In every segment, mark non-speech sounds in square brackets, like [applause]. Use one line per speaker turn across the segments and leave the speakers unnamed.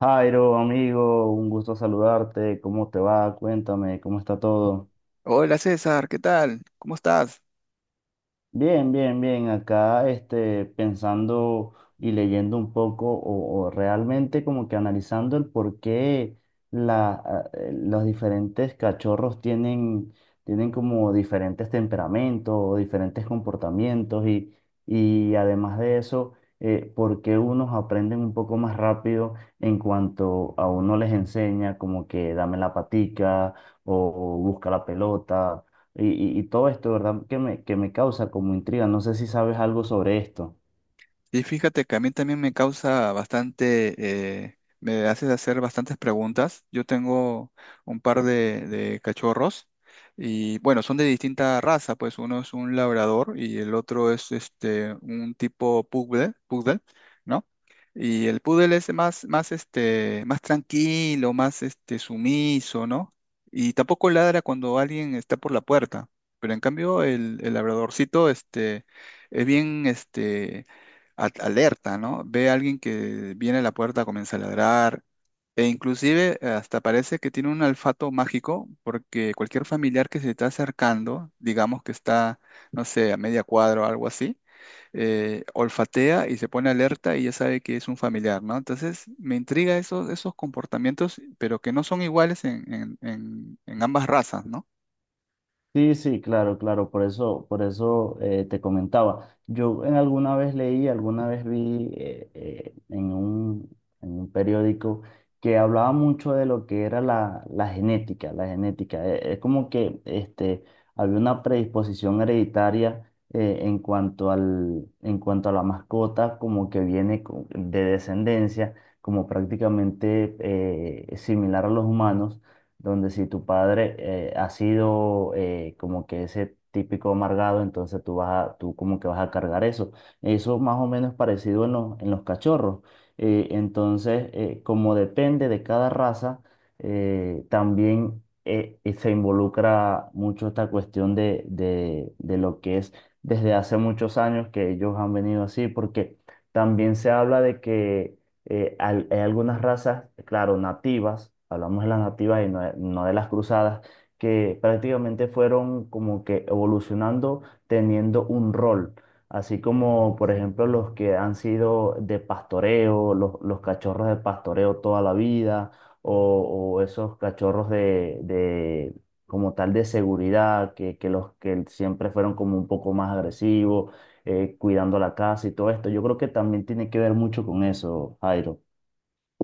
Jairo, amigo, un gusto saludarte. ¿Cómo te va? Cuéntame, ¿cómo está todo?
Hola César, ¿qué tal? ¿Cómo estás?
Bien, bien, bien. Acá pensando y leyendo un poco o realmente como que analizando el por qué los diferentes cachorros tienen, tienen como diferentes temperamentos o diferentes comportamientos y además de eso, por qué unos aprenden un poco más rápido en cuanto a uno les enseña como que dame la patica o busca la pelota y, y todo esto, ¿verdad? Que me causa como intriga. No sé si sabes algo sobre esto.
Y fíjate que a mí también me causa bastante, me haces hacer bastantes preguntas. Yo tengo un par de cachorros y bueno, son de distinta raza, pues uno es un labrador y el otro es este un tipo poodle, ¿no? Y el poodle es más este, más tranquilo, más este sumiso, ¿no? Y tampoco ladra cuando alguien está por la puerta. Pero en cambio el labradorcito este es bien este alerta, ¿no? Ve a alguien que viene a la puerta, comienza a ladrar, e inclusive hasta parece que tiene un olfato mágico, porque cualquier familiar que se está acercando, digamos que está, no sé, a media cuadra o algo así, olfatea y se pone alerta y ya sabe que es un familiar, ¿no? Entonces me intriga esos comportamientos, pero que no son iguales en, en ambas razas, ¿no?
Sí, sí, claro, claro, por eso te comentaba. Yo en alguna vez leí, alguna vez vi en en un periódico que hablaba mucho de lo que era la genética, la genética. Es como que había una predisposición hereditaria en cuanto en cuanto a la mascota, como que viene de descendencia, como prácticamente similar a los humanos donde si tu padre ha sido como que ese típico amargado, entonces tú como que vas a cargar eso. Eso más o menos es parecido en en los cachorros. Como depende de cada raza, también se involucra mucho esta cuestión de lo que es desde hace muchos años que ellos han venido así, porque también se habla de que hay algunas razas, claro, nativas, hablamos de las nativas y no de, no de las cruzadas, que prácticamente fueron como que evolucionando teniendo un rol, así como por ejemplo los que han sido de pastoreo, los cachorros de pastoreo toda la vida, o esos cachorros de como tal de seguridad, que los que siempre fueron como un poco más agresivos cuidando la casa y todo esto. Yo creo que también tiene que ver mucho con eso, Jairo.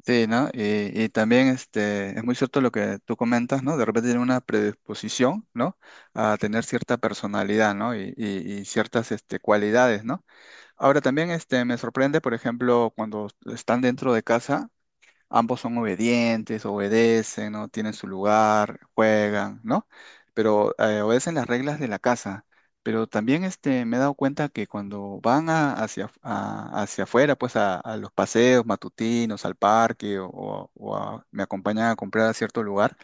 Sí, ¿no? Y también este, es muy cierto lo que tú comentas, ¿no? De repente tiene una predisposición, ¿no? A tener cierta personalidad, ¿no? Y, y ciertas este, cualidades, ¿no? Ahora también este, me sorprende, por ejemplo, cuando están dentro de casa ambos son obedientes, obedecen, ¿no? Tienen su lugar, juegan, ¿no? Pero obedecen las reglas de la casa. Pero también este, me he dado cuenta que cuando hacia, hacia afuera, pues a los paseos matutinos, al parque o, o me acompañan a comprar a cierto lugar,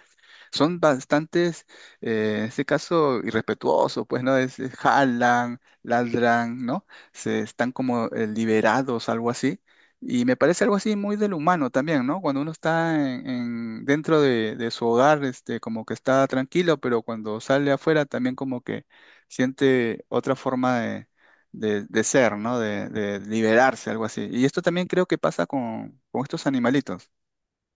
son bastantes, en este caso, irrespetuosos, pues, ¿no? Es jalan, ladran, ¿no? Se están como liberados, algo así. Y me parece algo así muy del humano también, ¿no? Cuando uno está en, dentro de su hogar, este, como que está tranquilo, pero cuando sale afuera también como que siente otra forma de, de ser, ¿no? De liberarse, algo así. Y esto también creo que pasa con estos animalitos.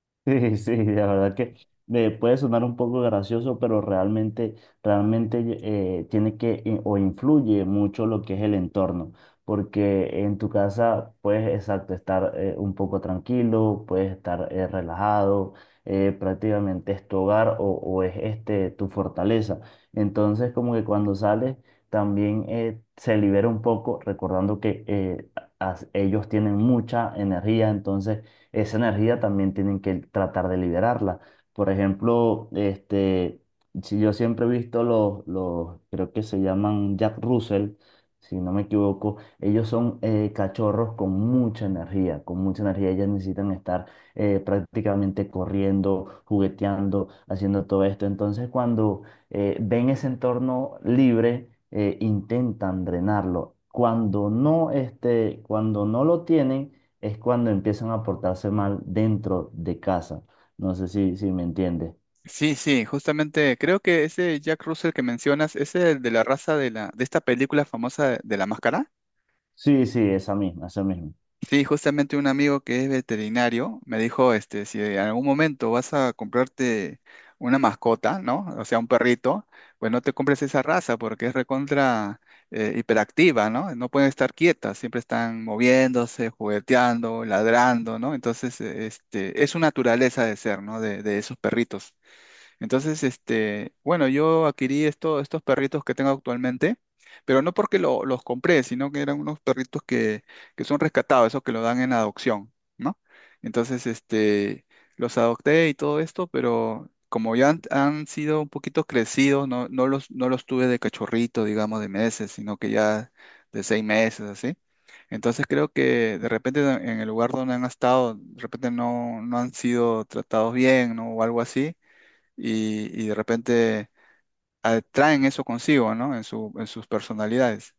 [laughs] Sí, sí, la verdad que puede sonar un poco gracioso, pero realmente, realmente tiene que o influye mucho lo que es el entorno, porque en tu casa puedes, exacto, estar un poco tranquilo, puedes estar relajado, prácticamente es tu hogar o es este tu fortaleza. Entonces, como que cuando sales, también se libera un poco, recordando que ellos tienen mucha energía, entonces esa energía también tienen que tratar de liberarla. Por ejemplo, este, si yo siempre he visto los, creo que se llaman Jack Russell, si no me equivoco, ellos son cachorros con mucha energía, con mucha energía. Ellas necesitan estar prácticamente corriendo, jugueteando, haciendo todo esto. Entonces, cuando ven ese entorno libre, intentan drenarlo. Cuando no, este, cuando no lo tienen, es cuando empiezan a portarse mal dentro de casa. No sé si me entiendes.
Sí, sí, justamente creo que ese Jack Russell que mencionas es el de la raza de la de esta película famosa de la máscara.
Sí, sí, esa misma, esa misma.
Sí, justamente un amigo que es veterinario me dijo, este, si en algún momento vas a comprarte una mascota, ¿no? O sea, un perrito, pues no te compres esa raza porque es recontra hiperactiva, ¿no? No pueden estar quietas, siempre están moviéndose, jugueteando, ladrando, ¿no? Entonces, este, es su naturaleza de ser, ¿no? De esos perritos. Entonces, este, bueno, yo adquirí estos perritos que tengo actualmente, pero no porque los compré, sino que eran unos perritos que son rescatados, esos que lo dan en adopción, ¿no? Entonces, este, los adopté y todo esto, pero como ya han sido un poquito crecidos, no, no los tuve de cachorrito, digamos, de meses, sino que ya de 6 meses, así. Entonces creo que de repente en el lugar donde han estado, de repente no, no han sido tratados bien, ¿no? O algo así y de repente atraen eso consigo, ¿no? En su, en sus personalidades.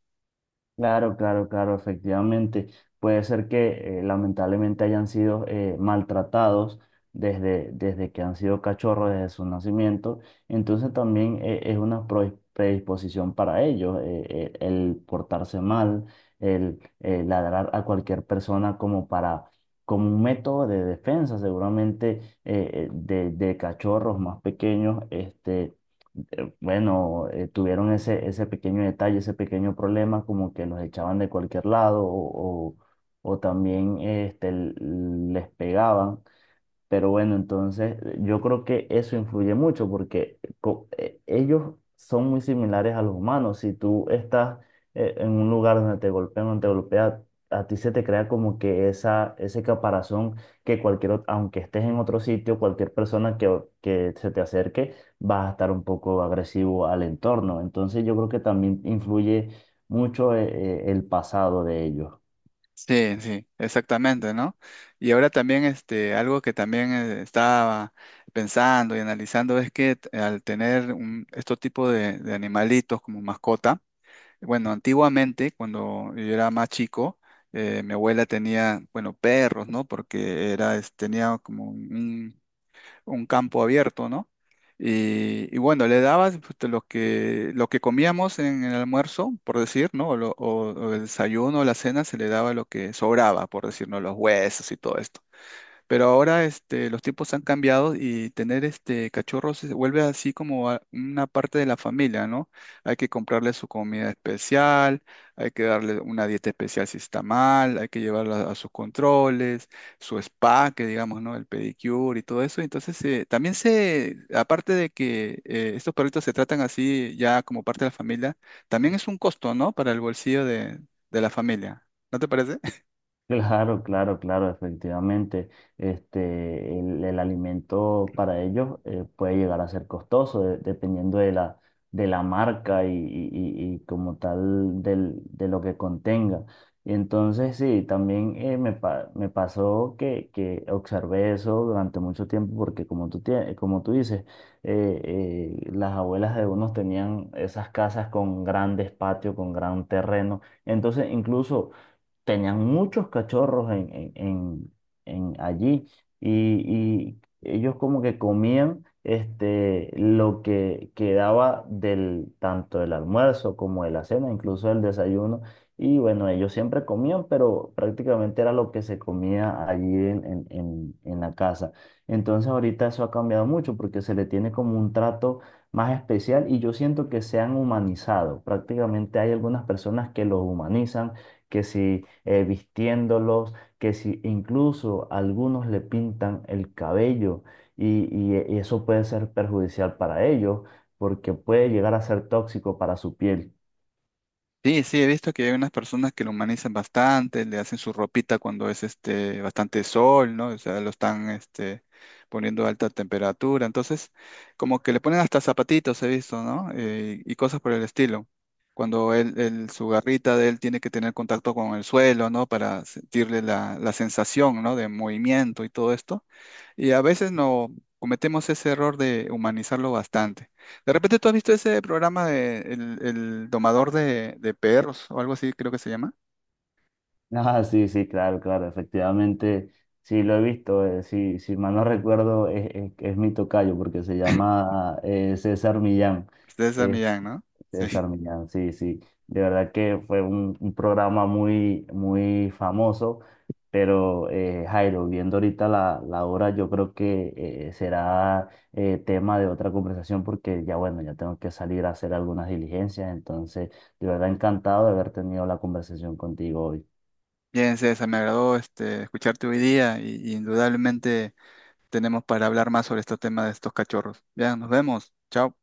Claro, claro, claro, efectivamente. Puede ser que lamentablemente hayan sido maltratados desde, desde que han sido cachorros, desde su nacimiento. Entonces también es una predisposición para ellos el portarse mal, el ladrar a cualquier persona como para, como un método de defensa, seguramente de cachorros más pequeños. Este, bueno, tuvieron ese, ese pequeño detalle, ese pequeño problema, como que los echaban de cualquier lado o también este, les pegaban. Pero bueno, entonces yo creo que eso influye mucho porque ellos son muy similares a los humanos. Si tú estás en un lugar donde te golpean, donde te golpea, a ti se te crea como que esa, ese caparazón que cualquier, aunque estés en otro sitio, cualquier persona que se te acerque va a estar un poco agresivo al entorno. Entonces yo creo que también influye mucho el pasado de ellos.
Sí, sí, exactamente, ¿no? Y ahora también este, algo que también estaba pensando y analizando es que al tener un, estos tipos de animalitos como mascota, bueno, antiguamente, cuando yo era más chico, mi abuela tenía, bueno, perros, ¿no? Porque era, tenía como un campo abierto, ¿no? Y bueno, le dabas pues, lo que comíamos en el almuerzo, por decir, ¿no? O, o el desayuno, la cena, se le daba lo que sobraba, por decir, ¿no? Los huesos y todo esto. Pero ahora este, los tiempos han cambiado y tener este cachorros se vuelve así como una parte de la familia, ¿no? Hay que comprarle su comida especial, hay que darle una dieta especial si está mal, hay que llevarla a sus controles, su spa, que digamos, ¿no? El pedicure y todo eso. Entonces, también se, aparte de que estos perritos se tratan así ya como parte de la familia, también es un costo, ¿no? Para el bolsillo de la familia. ¿No te parece?
Claro, claro, claro, efectivamente. Este, el alimento para ellos puede llegar a ser costoso dependiendo de de la marca y y como tal del, de lo que contenga. Y entonces sí, también me pasó que observé eso durante mucho tiempo porque como como tú dices, eh, las abuelas de unos tenían esas casas con grandes patios, con gran terreno. Entonces incluso tenían muchos cachorros en allí y ellos como que comían este, lo que quedaba del, tanto del almuerzo como de la cena, incluso del desayuno. Y bueno, ellos siempre comían, pero prácticamente era lo que se comía allí en la casa. Entonces ahorita eso ha cambiado mucho porque se le tiene como un trato más especial y yo siento que se han humanizado. Prácticamente hay algunas personas que los humanizan, que si vistiéndolos, que si incluso algunos le pintan el cabello y eso puede ser perjudicial para ellos porque puede llegar a ser tóxico para su piel. [laughs]
Sí, sí, he visto que hay unas personas que lo humanizan bastante, le hacen su ropita cuando es este bastante sol, ¿no? O sea, lo están este poniendo a alta temperatura. Entonces, como que le ponen hasta zapatitos, he visto, ¿no? Y cosas por el estilo. Cuando él, su garrita de él tiene que tener contacto con el suelo, ¿no? Para sentirle la, la sensación, ¿no? De movimiento y todo esto. Y a veces no cometemos ese error de humanizarlo bastante. De repente tú has visto ese programa de el domador de perros o algo así, creo que se llama.
Ah, sí, sí, claro, claro, efectivamente, sí lo he visto, sí, si mal no recuerdo es mi tocayo porque se llama César Millán.
César Millán, ¿no?
César
Sí.
Millán, sí, sí. De verdad que fue un programa muy, muy famoso, pero Jairo, viendo ahorita la hora, yo creo que será tema de otra conversación porque ya bueno, ya tengo que salir a hacer algunas diligencias, entonces de verdad encantado de haber tenido la conversación contigo hoy.
Bien, César, me agradó este, escucharte hoy día y indudablemente tenemos para hablar más sobre este tema de estos cachorros. Ya, nos vemos. Chao.